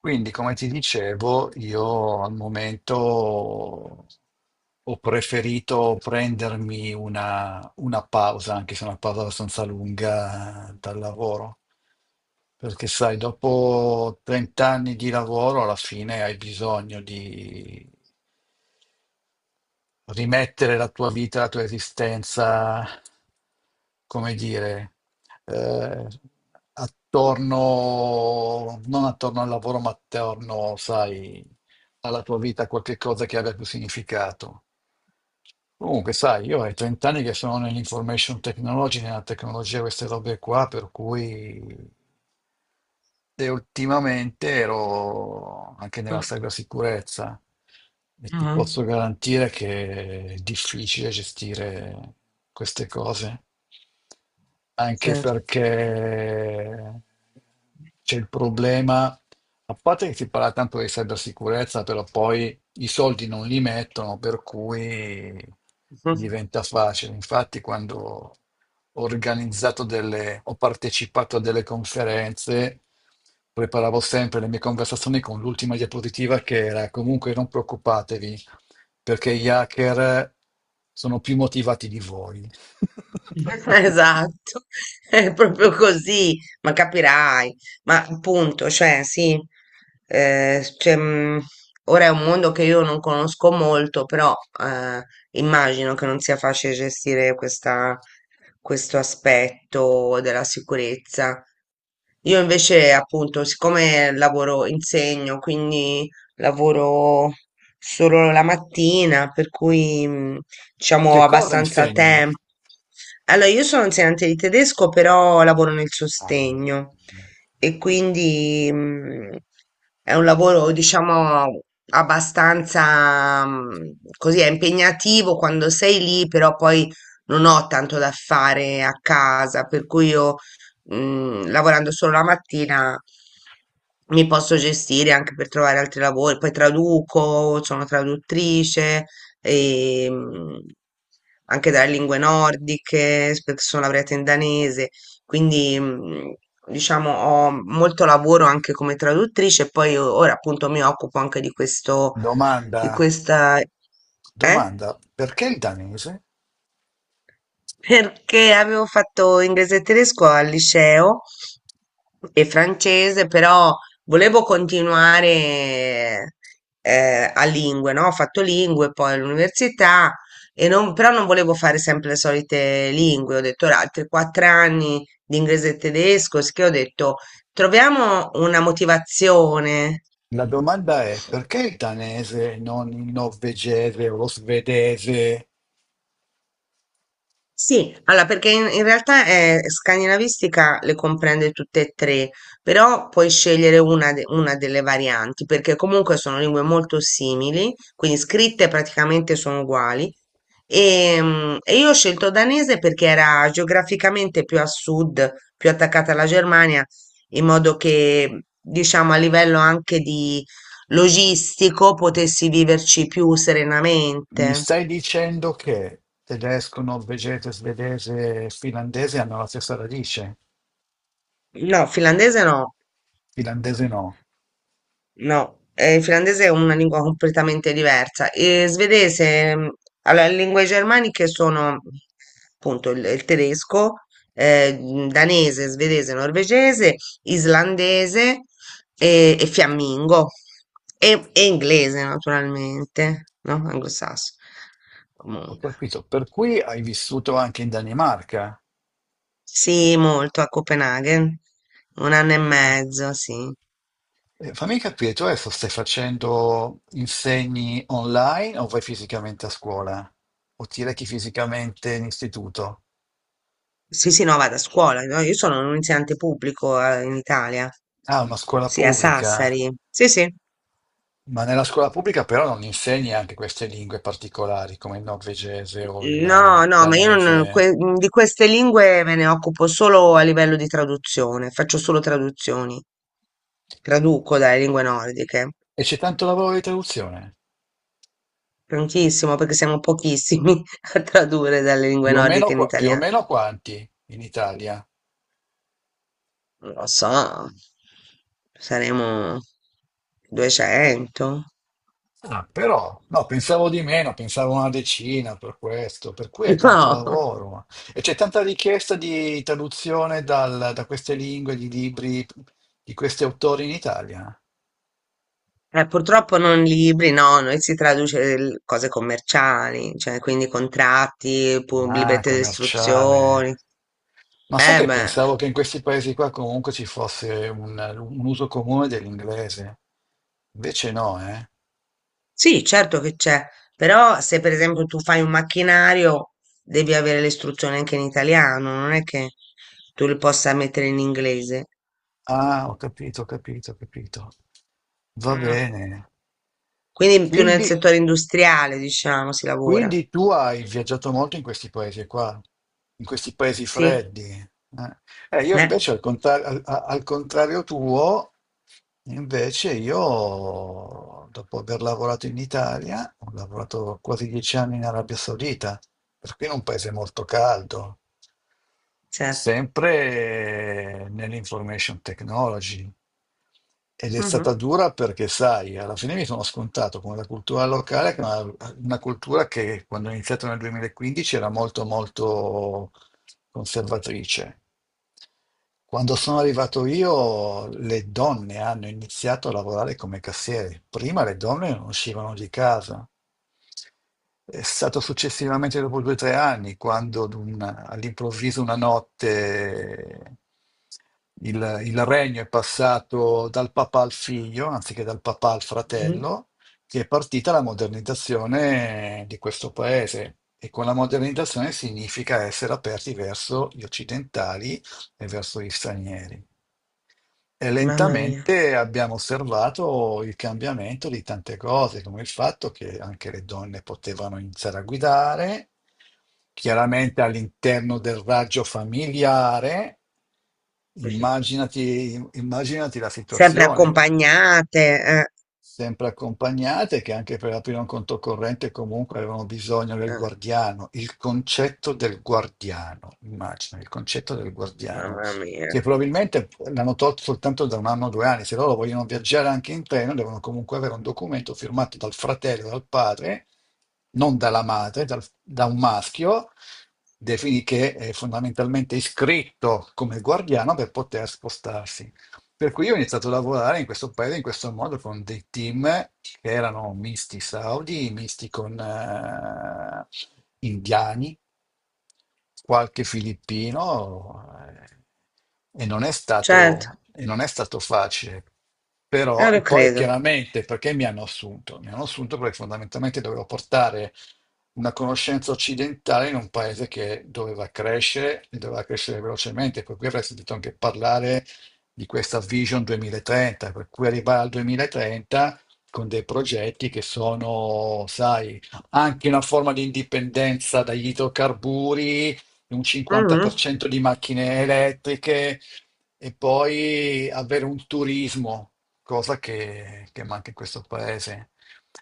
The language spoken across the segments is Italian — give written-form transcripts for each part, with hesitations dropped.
Quindi, come ti dicevo, io al momento ho preferito prendermi una pausa, anche se una pausa abbastanza lunga, dal lavoro, perché sai, dopo 30 anni di lavoro alla fine hai bisogno di rimettere la tua vita, la tua esistenza, come dire, eh, attorno, non attorno al lavoro, ma attorno, sai, alla tua vita, a qualche cosa che abbia più significato. Comunque, sai, io ho 30 anni che sono nell'information technology, nella tecnologia, queste robe qua, per cui e ultimamente ero anche nella Mh, cybersicurezza e ti ah-ah, posso garantire che è difficile gestire queste cose, anche certo. perché c'è il problema, a parte che si parla tanto di cybersicurezza, però poi i soldi non li mettono, per cui diventa facile. Infatti, quando ho partecipato a delle conferenze, preparavo sempre le mie conversazioni con l'ultima diapositiva che era comunque non preoccupatevi, perché gli hacker sono più motivati di voi. Esatto, è proprio così, ma capirai. Ma appunto, cioè sì, ehm, s cioè, mhmm, ora è un mondo che io non conosco molto, però, ehm, immagino che non sia facile gestire questa questo aspetto della sicurezza. Io invece, appunto, siccome lavoro, insegno, quindi lavoro solo la mattina, per cui, diciamo, ho Che cosa abbastanza insegni? tempo. Allora, io sono insegnante di tedesco, però lavoro nel Ah. sostegno e quindi, è un lavoro, diciamo, abbastanza, così, è impegnativo quando sei lì, però poi non ho tanto da fare a casa, per cui io lavorando solo la mattina mi posso gestire anche per trovare altri lavori. Poi traduco, sono traduttrice, e, anche dalle lingue nordiche, perché sono laureata in danese, quindi diciamo ho molto lavoro anche come traduttrice. E poi ora appunto mi occupo anche di questo, di Domanda. questa, eh? Domanda, perché il danese? Perché avevo fatto inglese e tedesco al liceo e francese, però volevo continuare a lingue, no? Ho fatto lingue poi all'università, e però non volevo fare sempre le solite lingue. Ho detto: "Ora, altri quattro anni di inglese e tedesco, sì", che ho detto: "Troviamo una motivazione". La domanda è, perché il danese e non il norvegese o lo svedese? Sì, allora perché in realtà scandinavistica le comprende tutte e tre, però puoi scegliere una, una delle varianti, perché comunque sono lingue molto simili, quindi scritte praticamente sono uguali. E, e io ho scelto danese perché era geograficamente più a sud, più attaccata alla Germania, in modo che, diciamo, a livello anche di logistico potessi viverci più Mi serenamente. stai dicendo che tedesco, norvegese, svedese e finlandese hanno la stessa radice? No, finlandese no. Finlandese no. No, il finlandese è una lingua completamente diversa. E svedese, allora, le lingue germaniche sono appunto il tedesco, danese, svedese, norvegese, islandese e fiammingo e inglese, naturalmente, no? Anglosassone. Ho Comunque, capito. Per cui hai vissuto anche in Danimarca? sì, molto a Copenaghen, un anno e Ho- mezzo, sì. Fammi capire, tu adesso stai facendo insegni online o vai fisicamente a scuola? O ti rechi fisicamente in istituto? Sì, sì, no, vado a scuola, no? Io sono un insegnante pubblico, in Italia. Ah, una scuola Sì, a pubblica, Sassari. Sì, sì. ma nella scuola pubblica però non insegni anche queste lingue particolari come il norvegese o il No, no, ma io non, danese. que- mhmm, di queste lingue me ne occupo solo a livello di traduzione, faccio solo traduzioni, traduco dalle lingue nordiche, E c'è tanto lavoro di traduzione? prontissimo perché siamo pochissimi a tradurre dalle lingue Più o meno, nordiche in più o italiano. meno quanti in Italia? Non lo so, saremo 200? Ah, però, no, pensavo di meno, pensavo una decina per questo, per cui è tanto No. lavoro. E c'è tanta richiesta di traduzione da queste lingue, di libri, di questi autori in Italia? Purtroppo non libri, no, noi si traduce cose commerciali, cioè quindi contratti, Ah, librette di istruzioni. commerciale. Ma sai Eh che beh, pensavo che in questi paesi qua comunque ci fosse un uso comune dell'inglese? Invece no, eh? sì, certo che c'è, però se per esempio tu fai un macchinario devi avere le istruzioni anche in italiano, non è che tu le possa mettere in inglese. Ah, ho capito, ho capito, ho capito. Va Mm. bene. Quindi più nel Quindi settore industriale, diciamo, si lavora. Quindi tu hai viaggiato molto in questi paesi qua, in questi paesi Sì, freddi. Io eh, invece al contrario tuo, invece io dopo aver lavorato in Italia, ho lavorato quasi 10 anni in Arabia Saudita, perché in un paese molto caldo, certo. sempre nell'information technology. Ed è stata Mhm. dura perché, sai, alla fine mi sono scontato con la cultura locale, che è una cultura che quando ho iniziato nel 2015 era molto, molto conservatrice. Quando sono arrivato io, le donne hanno iniziato a lavorare come cassiere. Prima le donne non uscivano di casa. È stato successivamente, dopo 2 o 3 anni, quando all'improvviso una notte il regno è passato dal papà al figlio, anziché dal papà al Mhm. fratello, che è partita la modernizzazione di questo paese. E con la modernizzazione significa essere aperti verso gli occidentali e verso gli stranieri. E Mamma mia. lentamente abbiamo osservato il cambiamento di tante cose, come il fatto che anche le donne potevano iniziare a guidare, chiaramente all'interno del raggio familiare. Immaginati, immaginati la Sempre situazione accompagnate, eh, sempre accompagnate, che anche per aprire un conto corrente comunque avevano bisogno del eh, guardiano, il concetto del guardiano, immagina, il concetto del guardiano, mamma mia, che probabilmente l'hanno tolto soltanto da un anno o due anni, se loro vogliono viaggiare anche in treno devono comunque avere un documento firmato dal fratello, dal padre, non dalla madre, da un maschio, defini che è fondamentalmente iscritto come guardiano per poter spostarsi. Per cui io ho iniziato a lavorare in questo paese in questo modo con dei team che erano misti saudi, misti con indiani, qualche filippino e non è certo, stato, e non è stato facile. Però, io lo e poi credo. chiaramente perché mi hanno assunto? Mi hanno assunto perché fondamentalmente dovevo portare una conoscenza occidentale in un paese che doveva crescere e doveva crescere velocemente, per cui avrei sentito anche parlare di questa Vision 2030, per cui arrivare al 2030 con dei progetti che sono, sai, anche una forma di indipendenza dagli idrocarburi, un Mhm. 50% di macchine elettriche e poi avere un turismo, cosa che manca in questo paese.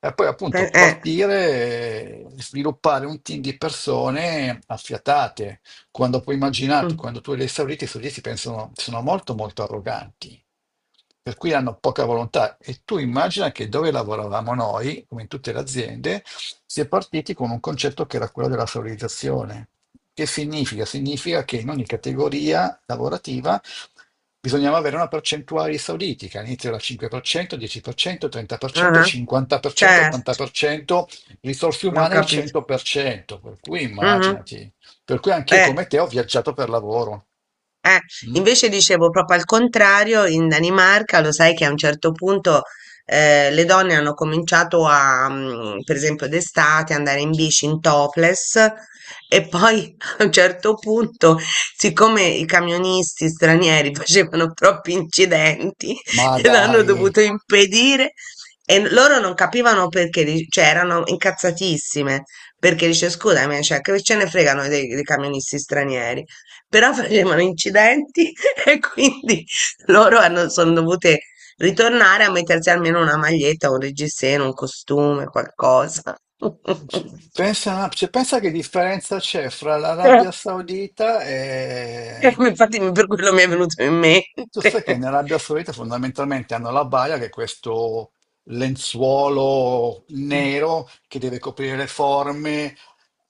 E poi Pe- appunto Eh, partire, sviluppare un team di persone affiatate, quando puoi immaginarti, mm, quando tu li hai esauriti, i suddizi pensano, sono molto molto arroganti, per cui hanno poca volontà. E tu immagina che dove lavoravamo noi, come in tutte le aziende, si è partiti con un concetto che era quello della valorizzazione. Che significa? Significa che in ogni categoria lavorativa bisognava avere una percentuale di esauriti, che all'inizio era 5%, 10%, 30%, ah, 50%, Certo, 80%, risorse non ho umane il capito. 100%, per cento, per cui Mhm. immaginati. Per cui anch'io Eh. come te ho viaggiato per lavoro. Eh, Mm? invece dicevo proprio al contrario, in Danimarca lo sai che a un certo punto le donne hanno cominciato a, per esempio d'estate, andare in bici in topless e poi a un certo punto, siccome i camionisti stranieri facevano troppi incidenti, Ma dai, gliel'hanno dovuto impedire loro non capivano perché, cioè erano incazzatissime perché dice scusami, cioè, che ce ne fregano dei camionisti stranieri? Però facevano incidenti e quindi loro hanno, sono dovute ritornare a mettersi almeno una maglietta, un reggiseno, un costume, qualcosa. Pensa, cioè, pensa che differenza c'è fra Eh, l'Arabia Saudita e, infatti per quello mi è venuto in mente. tu sai che in Arabia Saudita fondamentalmente hanno la baia, che è questo lenzuolo nero che deve coprire le forme,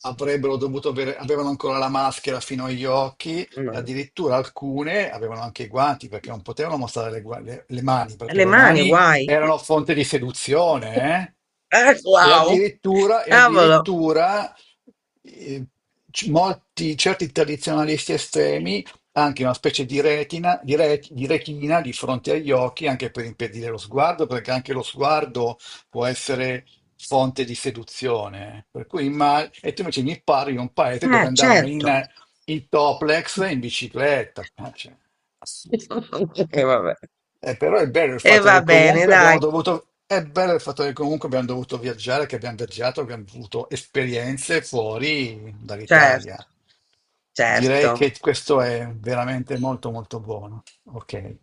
avrebbero dovuto avere, avevano ancora la maschera fino agli occhi e Ma- addirittura alcune avevano anche i guanti perché non potevano mostrare le mani, perché Le le mani, mani guai. erano fonte di seduzione, eh? E Wow, addirittura, e cavolo. addirittura eh, molti, certi tradizionalisti estremi anche una specie di retina, di retina di fronte agli occhi, anche per impedire lo sguardo, perché anche lo sguardo può essere fonte di seduzione. Per cui e tu invece mi parli di un paese dove andavano Certo. in toplex e in bicicletta. Ah, cioè, assurdo. E vabbè. Però E va bene, dai. È bello il fatto che comunque abbiamo dovuto viaggiare, che abbiamo viaggiato, abbiamo avuto esperienze fuori dall'Italia. Certo, Direi certo. che questo è veramente molto molto buono. Ok.